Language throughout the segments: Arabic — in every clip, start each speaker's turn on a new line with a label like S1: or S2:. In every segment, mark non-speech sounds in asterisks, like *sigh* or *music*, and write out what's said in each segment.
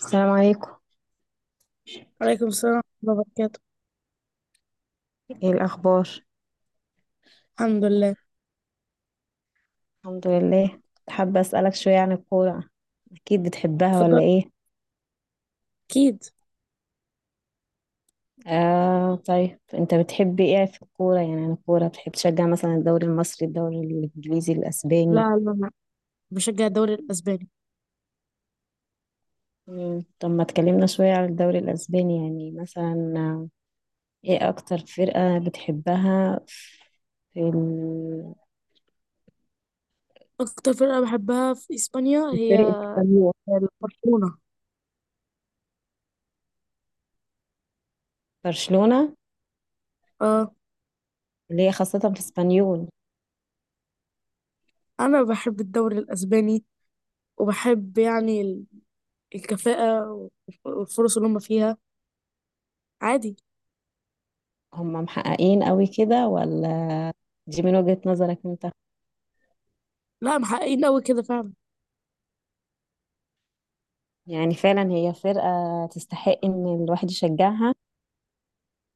S1: السلام عليكم،
S2: وعليكم السلام ورحمة الله وبركاته.
S1: ايه الاخبار؟
S2: الحمد لله.
S1: الحمد لله. حابه اسالك شويه عن الكوره، اكيد بتحبها
S2: اتفضل.
S1: ولا ايه؟
S2: أكيد.
S1: آه طيب انت بتحب ايه في الكوره؟ يعني عن الكوره بتحب تشجع مثلا الدوري المصري، الدوري الانجليزي،
S2: لا
S1: الاسباني؟
S2: لا لا، بشجع الدوري الأسباني.
S1: طب ما تكلمنا شويه عن الدوري الاسباني. يعني مثلا ايه اكتر فرقه بتحبها؟ في ال-
S2: أكتر فرقة بحبها في إسبانيا هي
S1: فرقة اسبانيول؟
S2: برشلونة.
S1: برشلونه؟
S2: اه.
S1: اللي هي خاصه في اسبانيول.
S2: أنا بحب الدوري الأسباني وبحب الكفاءة والفرص اللي هم فيها. عادي.
S1: هم محققين قوي كده ولا؟ دي من وجهة نظرك انت.
S2: لا، محققين أوي كده فعلا.
S1: يعني فعلا هي فرقة تستحق ان الواحد يشجعها،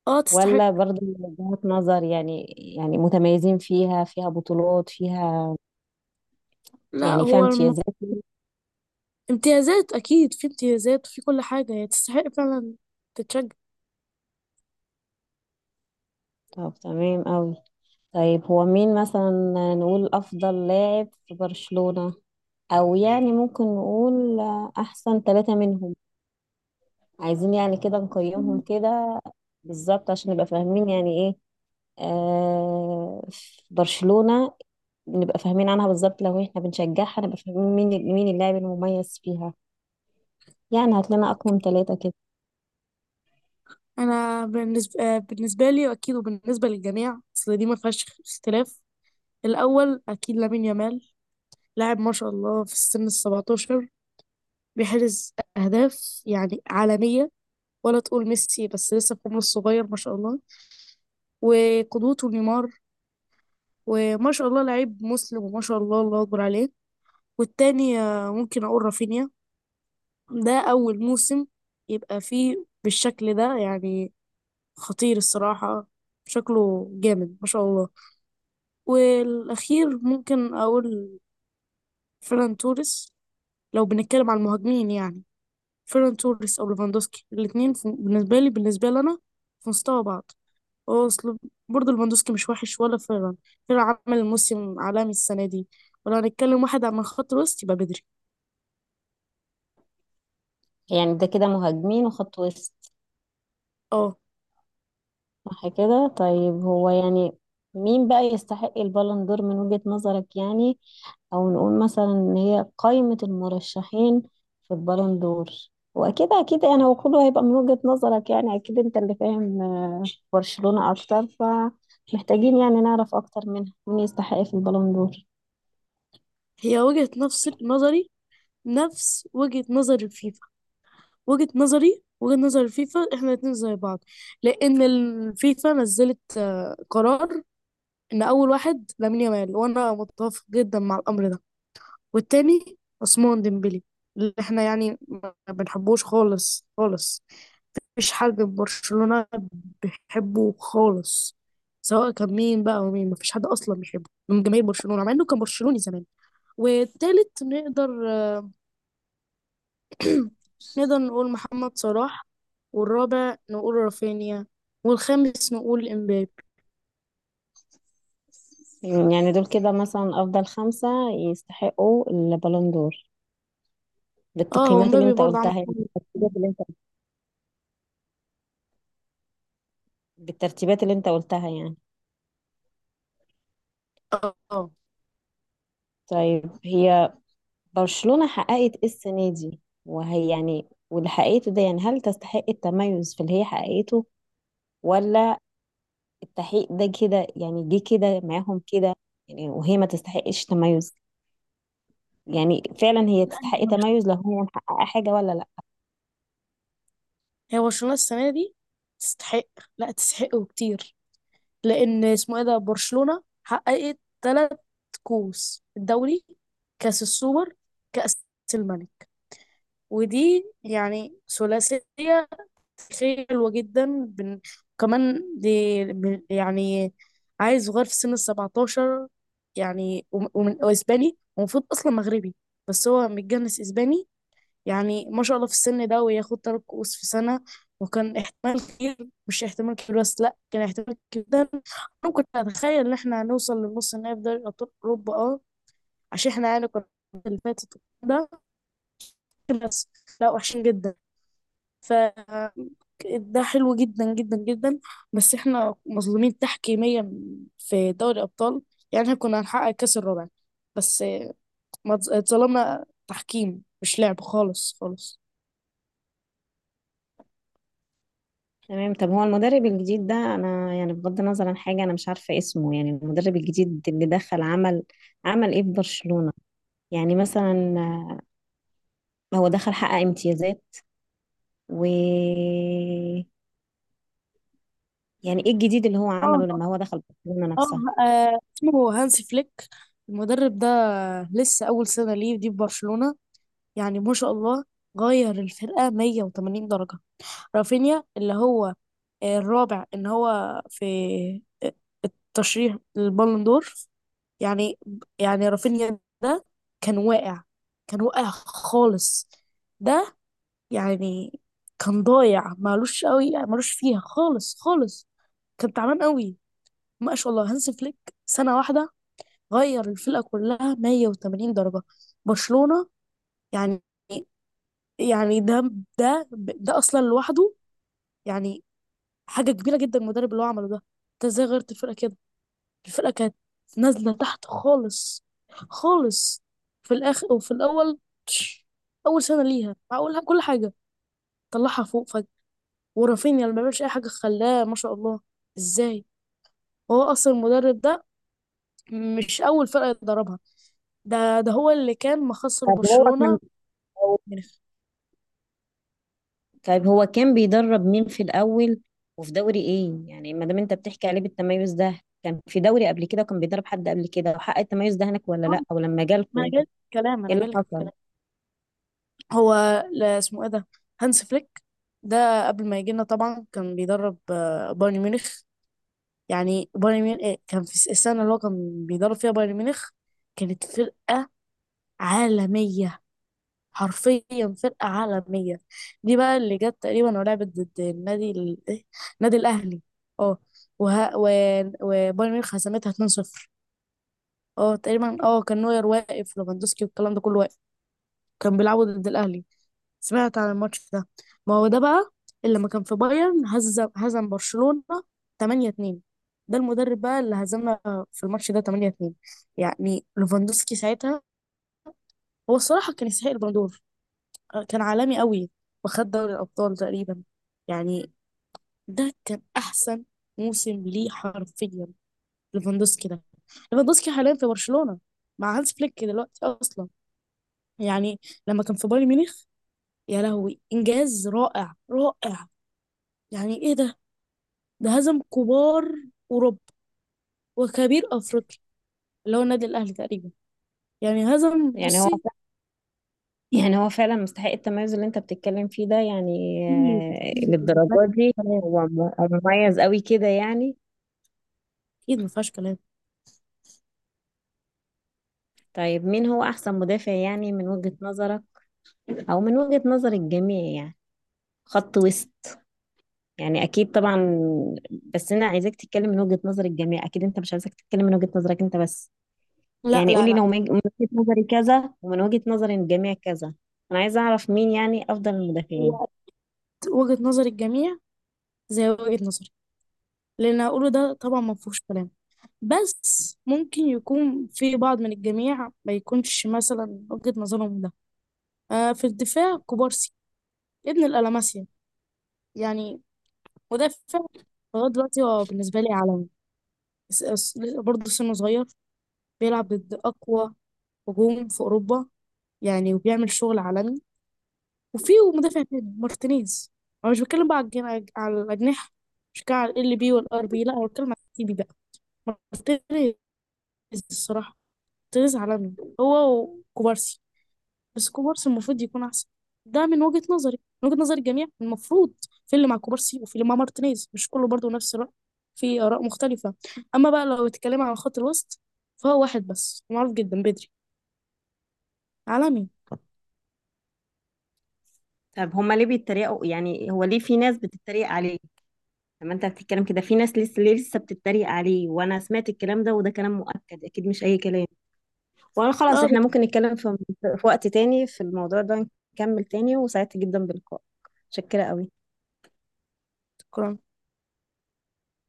S2: اه تستحق.
S1: ولا برضه من وجهات نظر؟ يعني يعني متميزين، فيها فيها بطولات، فيها
S2: لا
S1: يعني فيها
S2: هو
S1: امتيازات.
S2: امتيازات. أكيد في امتيازات وفي كل حاجة، هي تستحق فعلا تتشجع.
S1: طب تمام قوي. طيب هو مين مثلا نقول افضل لاعب في برشلونة؟ او يعني ممكن نقول احسن ثلاثة منهم. عايزين يعني كده نقيمهم كده بالظبط عشان نبقى فاهمين يعني ايه في برشلونة، نبقى فاهمين عنها بالظبط. لو احنا بنشجعها نبقى فاهمين مين مين اللاعب المميز فيها. يعني هات لنا اقوم ثلاثة كده.
S2: انا بالنسبه بالنسبه لي، واكيد وبالنسبه للجميع، اصل دي ما فيهاش اختلاف. الاول اكيد لامين يامال. لاعب ما شاء الله، في السن ال 17 بيحرز اهداف يعني عالميه. ولا تقول ميسي، بس لسه في عمره الصغير ما شاء الله، وقدوته نيمار. وما شاء الله لعيب مسلم، وما شاء الله الله اكبر عليه. والتاني ممكن اقول رافينيا. ده اول موسم يبقى فيه بالشكل ده، يعني خطير الصراحه. شكله جامد ما شاء الله. والأخير ممكن أقول فيران توريس. لو بنتكلم عن المهاجمين، يعني فيران توريس أو ليفاندوسكي، الاتنين بالنسبة لي بالنسبة لنا في مستوى بعض. هو أصل برضه ليفاندوسكي مش وحش ولا فيران. فيران عمل موسم عالمي السنة دي. ولو هنتكلم واحد عن خط الوسط يبقى بدري.
S1: يعني ده كده مهاجمين وخط وسط،
S2: اه.
S1: صح كده؟ طيب هو يعني مين بقى يستحق البالون دور من وجهة نظرك؟ يعني او نقول مثلا ان هي قائمة المرشحين في البالون دور. واكيد يعني هو كله هيبقى من وجهة نظرك، يعني اكيد انت اللي فاهم برشلونة اكتر، فمحتاجين يعني نعرف اكتر منها مين يستحق في البالون دور.
S2: هي وجهة نفس نظري نفس وجهة نظر الفيفا. وجهة نظري وجهة نظر الفيفا، احنا الاتنين زي بعض. لأن الفيفا نزلت قرار ان اول واحد لامين يامال، وانا متفق جدا مع الامر ده. والتاني عثمان ديمبلي، اللي احنا يعني ما بنحبوش خالص خالص. مفيش حد في برشلونة بيحبه خالص، سواء كان مين بقى. ومين؟ مفيش حد اصلا بيحبه من جماهير برشلونة، مع انه كان برشلوني زمان. والتالت نقدر *clears throat* نقدر نقول محمد صلاح. والرابع نقول رافينيا. والخامس نقول امبابي.
S1: يعني دول كده مثلا افضل خمسة يستحقوا البالون دور،
S2: اه هو
S1: بالتقييمات اللي
S2: امبابي
S1: انت
S2: برضه عمل.
S1: قلتها؟ يعني بالترتيبات اللي انت قلتها يعني.
S2: اه.
S1: طيب هي برشلونة حققت ايه السنة دي؟ وهي يعني واللي حققته ده، يعني هل تستحق التميز في اللي هي حققته؟ ولا التحقيق ده كده يعني جه كده معاهم كده، يعني وهي ما تستحقش تميز؟ يعني فعلا هي تستحق
S2: آه.
S1: تميز لو هي محققة حاجة ولا لا؟
S2: هي برشلونة السنة دي تستحق؟ لا تستحق وكتير. لأن اسمه ايه ده، برشلونة حققت تلات كؤوس: الدوري، كأس السوبر، كأس الملك. ودي يعني ثلاثية حلوة جدا. كمان دي يعني عيل صغير في سن السبعتاشر، يعني ومن وإسباني، ومفروض أصلا مغربي بس هو متجنس إسباني. يعني ما شاء الله في السن ده وياخد تلات كؤوس في سنة. وكان احتمال كبير، مش احتمال كبير بس، لا كان احتمال كبير جدا، انا كنت اتخيل ان احنا هنوصل للنص النهائي في دوري ابطال اوروبا. اه عشان احنا يعني كنا اللي فاتت ده بس لا، وحشين جدا. ف ده حلو جدا جدا جدا. بس احنا مظلومين تحكيميا في دوري الابطال. يعني احنا كنا هنحقق الكاس الرابع بس ما اتظ- اتظلمنا تحكيم، مش لعب خالص خالص.
S1: تمام. طب هو المدرب الجديد ده، انا يعني بغض النظر عن حاجه، انا مش عارفه اسمه. يعني المدرب الجديد اللي دخل عمل ايه في برشلونه؟ يعني مثلا هو دخل حقق امتيازات، و يعني ايه الجديد اللي هو عمله لما هو دخل برشلونه
S2: اه.
S1: نفسها؟
S2: اسمه هانسي فليك المدرب ده. لسه اول سنه ليه دي في برشلونه. يعني ما شاء الله غير الفرقه 180 درجه. رافينيا اللي هو الرابع ان هو في ترشيح البالون دور، يعني يعني رافينيا ده كان واقع، كان واقع خالص. ده يعني كان ضايع، مالوش قوي، مالوش فيها خالص خالص، كان تعبان قوي. ما شاء الله هانسي فليك، سنه واحده غير الفرقة كلها 180 درجة. برشلونة يعني. يعني ده اصلا لوحده يعني حاجة كبيرة جدا، المدرب اللي هو عمله ده. انت ازاي غيرت الفرقة كده؟ الفرقة كانت نازلة تحت خالص خالص، في الاخر وفي الاول. تش، اول سنة ليها، معقول كل حاجة طلعها فوق فجأة؟ ورافينيا اللي ما بيعملش اي حاجة خلاه ما شاء الله. ازاي؟ هو اصلا المدرب ده مش اول فرقة يدربها. ده هو اللي كان مخسر
S1: طب هو كان
S2: برشلونة من...
S1: طيب هو كان بيدرب مين في الاول وفي دوري ايه؟ يعني ما دام انت بتحكي عليه بالتميز ده، كان في دوري قبل كده وكان بيدرب حد قبل كده وحقق التميز ده هناك ولا لا؟ او لما
S2: ما
S1: جالكوا
S2: انا
S1: يعني
S2: جايلك في الكلام،
S1: ايه
S2: انا
S1: اللي
S2: جايلك في
S1: حصل؟
S2: الكلام. هو لا اسمه ايه ده، هانس فليك ده، قبل ما يجي لنا طبعا كان بيدرب بايرن ميونخ. يعني بايرن ميونخ كان في السنه اللي هو كان بيدرب فيها بايرن ميونخ كانت فرقه عالميه، حرفيا فرقه عالميه. دي بقى اللي جت تقريبا ولعبت ضد النادي ال- إيه؟ النادي الاهلي. اه. وه... و... وبايرن ميونخ هزمتها 2-0. اه تقريبا. اه كان نوير واقف، ليفاندوسكي والكلام ده كله واقف، كان بيلعبوا ضد الاهلي. سمعت عن الماتش ده؟ ما هو ده بقى اللي لما كان في بايرن هزم برشلونة 8-2. ده المدرب بقى اللي هزمنا في الماتش ده 8-2. يعني ليفاندوسكي ساعتها هو الصراحة كان يستحق البالون دور. كان عالمي قوي وخد دوري الأبطال تقريبا. يعني ده كان أحسن موسم ليه حرفيا، ليفاندوسكي ده. ليفاندوسكي حاليا في برشلونة مع هانز فليك دلوقتي أصلا. يعني لما كان في بايرن ميونخ، يا لهوي إنجاز رائع رائع. يعني إيه ده! ده هزم كبار أوروبا وكبير أفريقيا اللي هو النادي الأهلي تقريبا. يعني هزم.
S1: يعني هو
S2: بصي،
S1: يعني هو فعلا مستحق التميز اللي انت بتتكلم فيه ده يعني؟
S2: أكيد أكيد
S1: للدرجة
S2: مفيهاش
S1: دي؟
S2: كلام.
S1: هو مميز قوي كده يعني؟
S2: أكيد مفيهاش كلام.
S1: طيب مين هو احسن مدافع يعني من وجهة نظرك؟ او من وجهة نظر الجميع يعني، خط وسط. يعني اكيد طبعا، بس انا عايزاك تتكلم من وجهة نظر الجميع، اكيد انت مش عايزك تتكلم من وجهة نظرك انت بس.
S2: لا
S1: يعني
S2: لا
S1: قولي
S2: لا.
S1: لو من وجهة نظري كذا، ومن وجهة نظر الجميع كذا. انا عايزة اعرف مين يعني افضل المدافعين.
S2: هو وجهة نظر الجميع زي وجهة نظري، اللي أنا هقوله ده طبعا مفيهوش كلام، بس ممكن يكون في بعض من الجميع ما يكونش مثلا وجهة نظرهم ده. آه، في الدفاع كوبارسي، ابن الألماسيا، يعني يعني مدافع لغاية دلوقتي هو بالنسبة لي عالمي. س- س- برضه سنه صغير، بيلعب ضد أقوى هجوم في اوروبا يعني، وبيعمل شغل عالمي. وفي مدافع تاني مارتينيز. انا مش بتكلم بقى على على الاجنحه، مش بتكلم على ال بي والار بي، لا انا بتكلم على التي بي بقى. مارتينيز الصراحه، مارتينيز عالمي هو وكوبارسي، بس كوبارسي المفروض يكون احسن. ده من وجهه نظري. من وجهه نظر الجميع المفروض، في اللي مع كوبارسي وفي اللي مع مارتينيز، مش كله برضه نفس الرأي، في آراء مختلفة. أما بقى لو اتكلم عن خط الوسط، فهو واحد بس معروف جدا، بدري، عالمي.
S1: طب هما ليه بيتريقوا؟ يعني هو ليه في ناس بتتريق عليه؟ لما انت بتتكلم كده، في ناس لسه بتتريق عليه، وانا سمعت الكلام ده، وده كلام مؤكد اكيد مش اي كلام. وانا خلاص،
S2: اه
S1: احنا
S2: بتاع
S1: ممكن نتكلم في وقت تاني في الموضوع ده، نكمل تاني. وسعدت جدا بلقائك، متشكرة قوي.
S2: الكرة.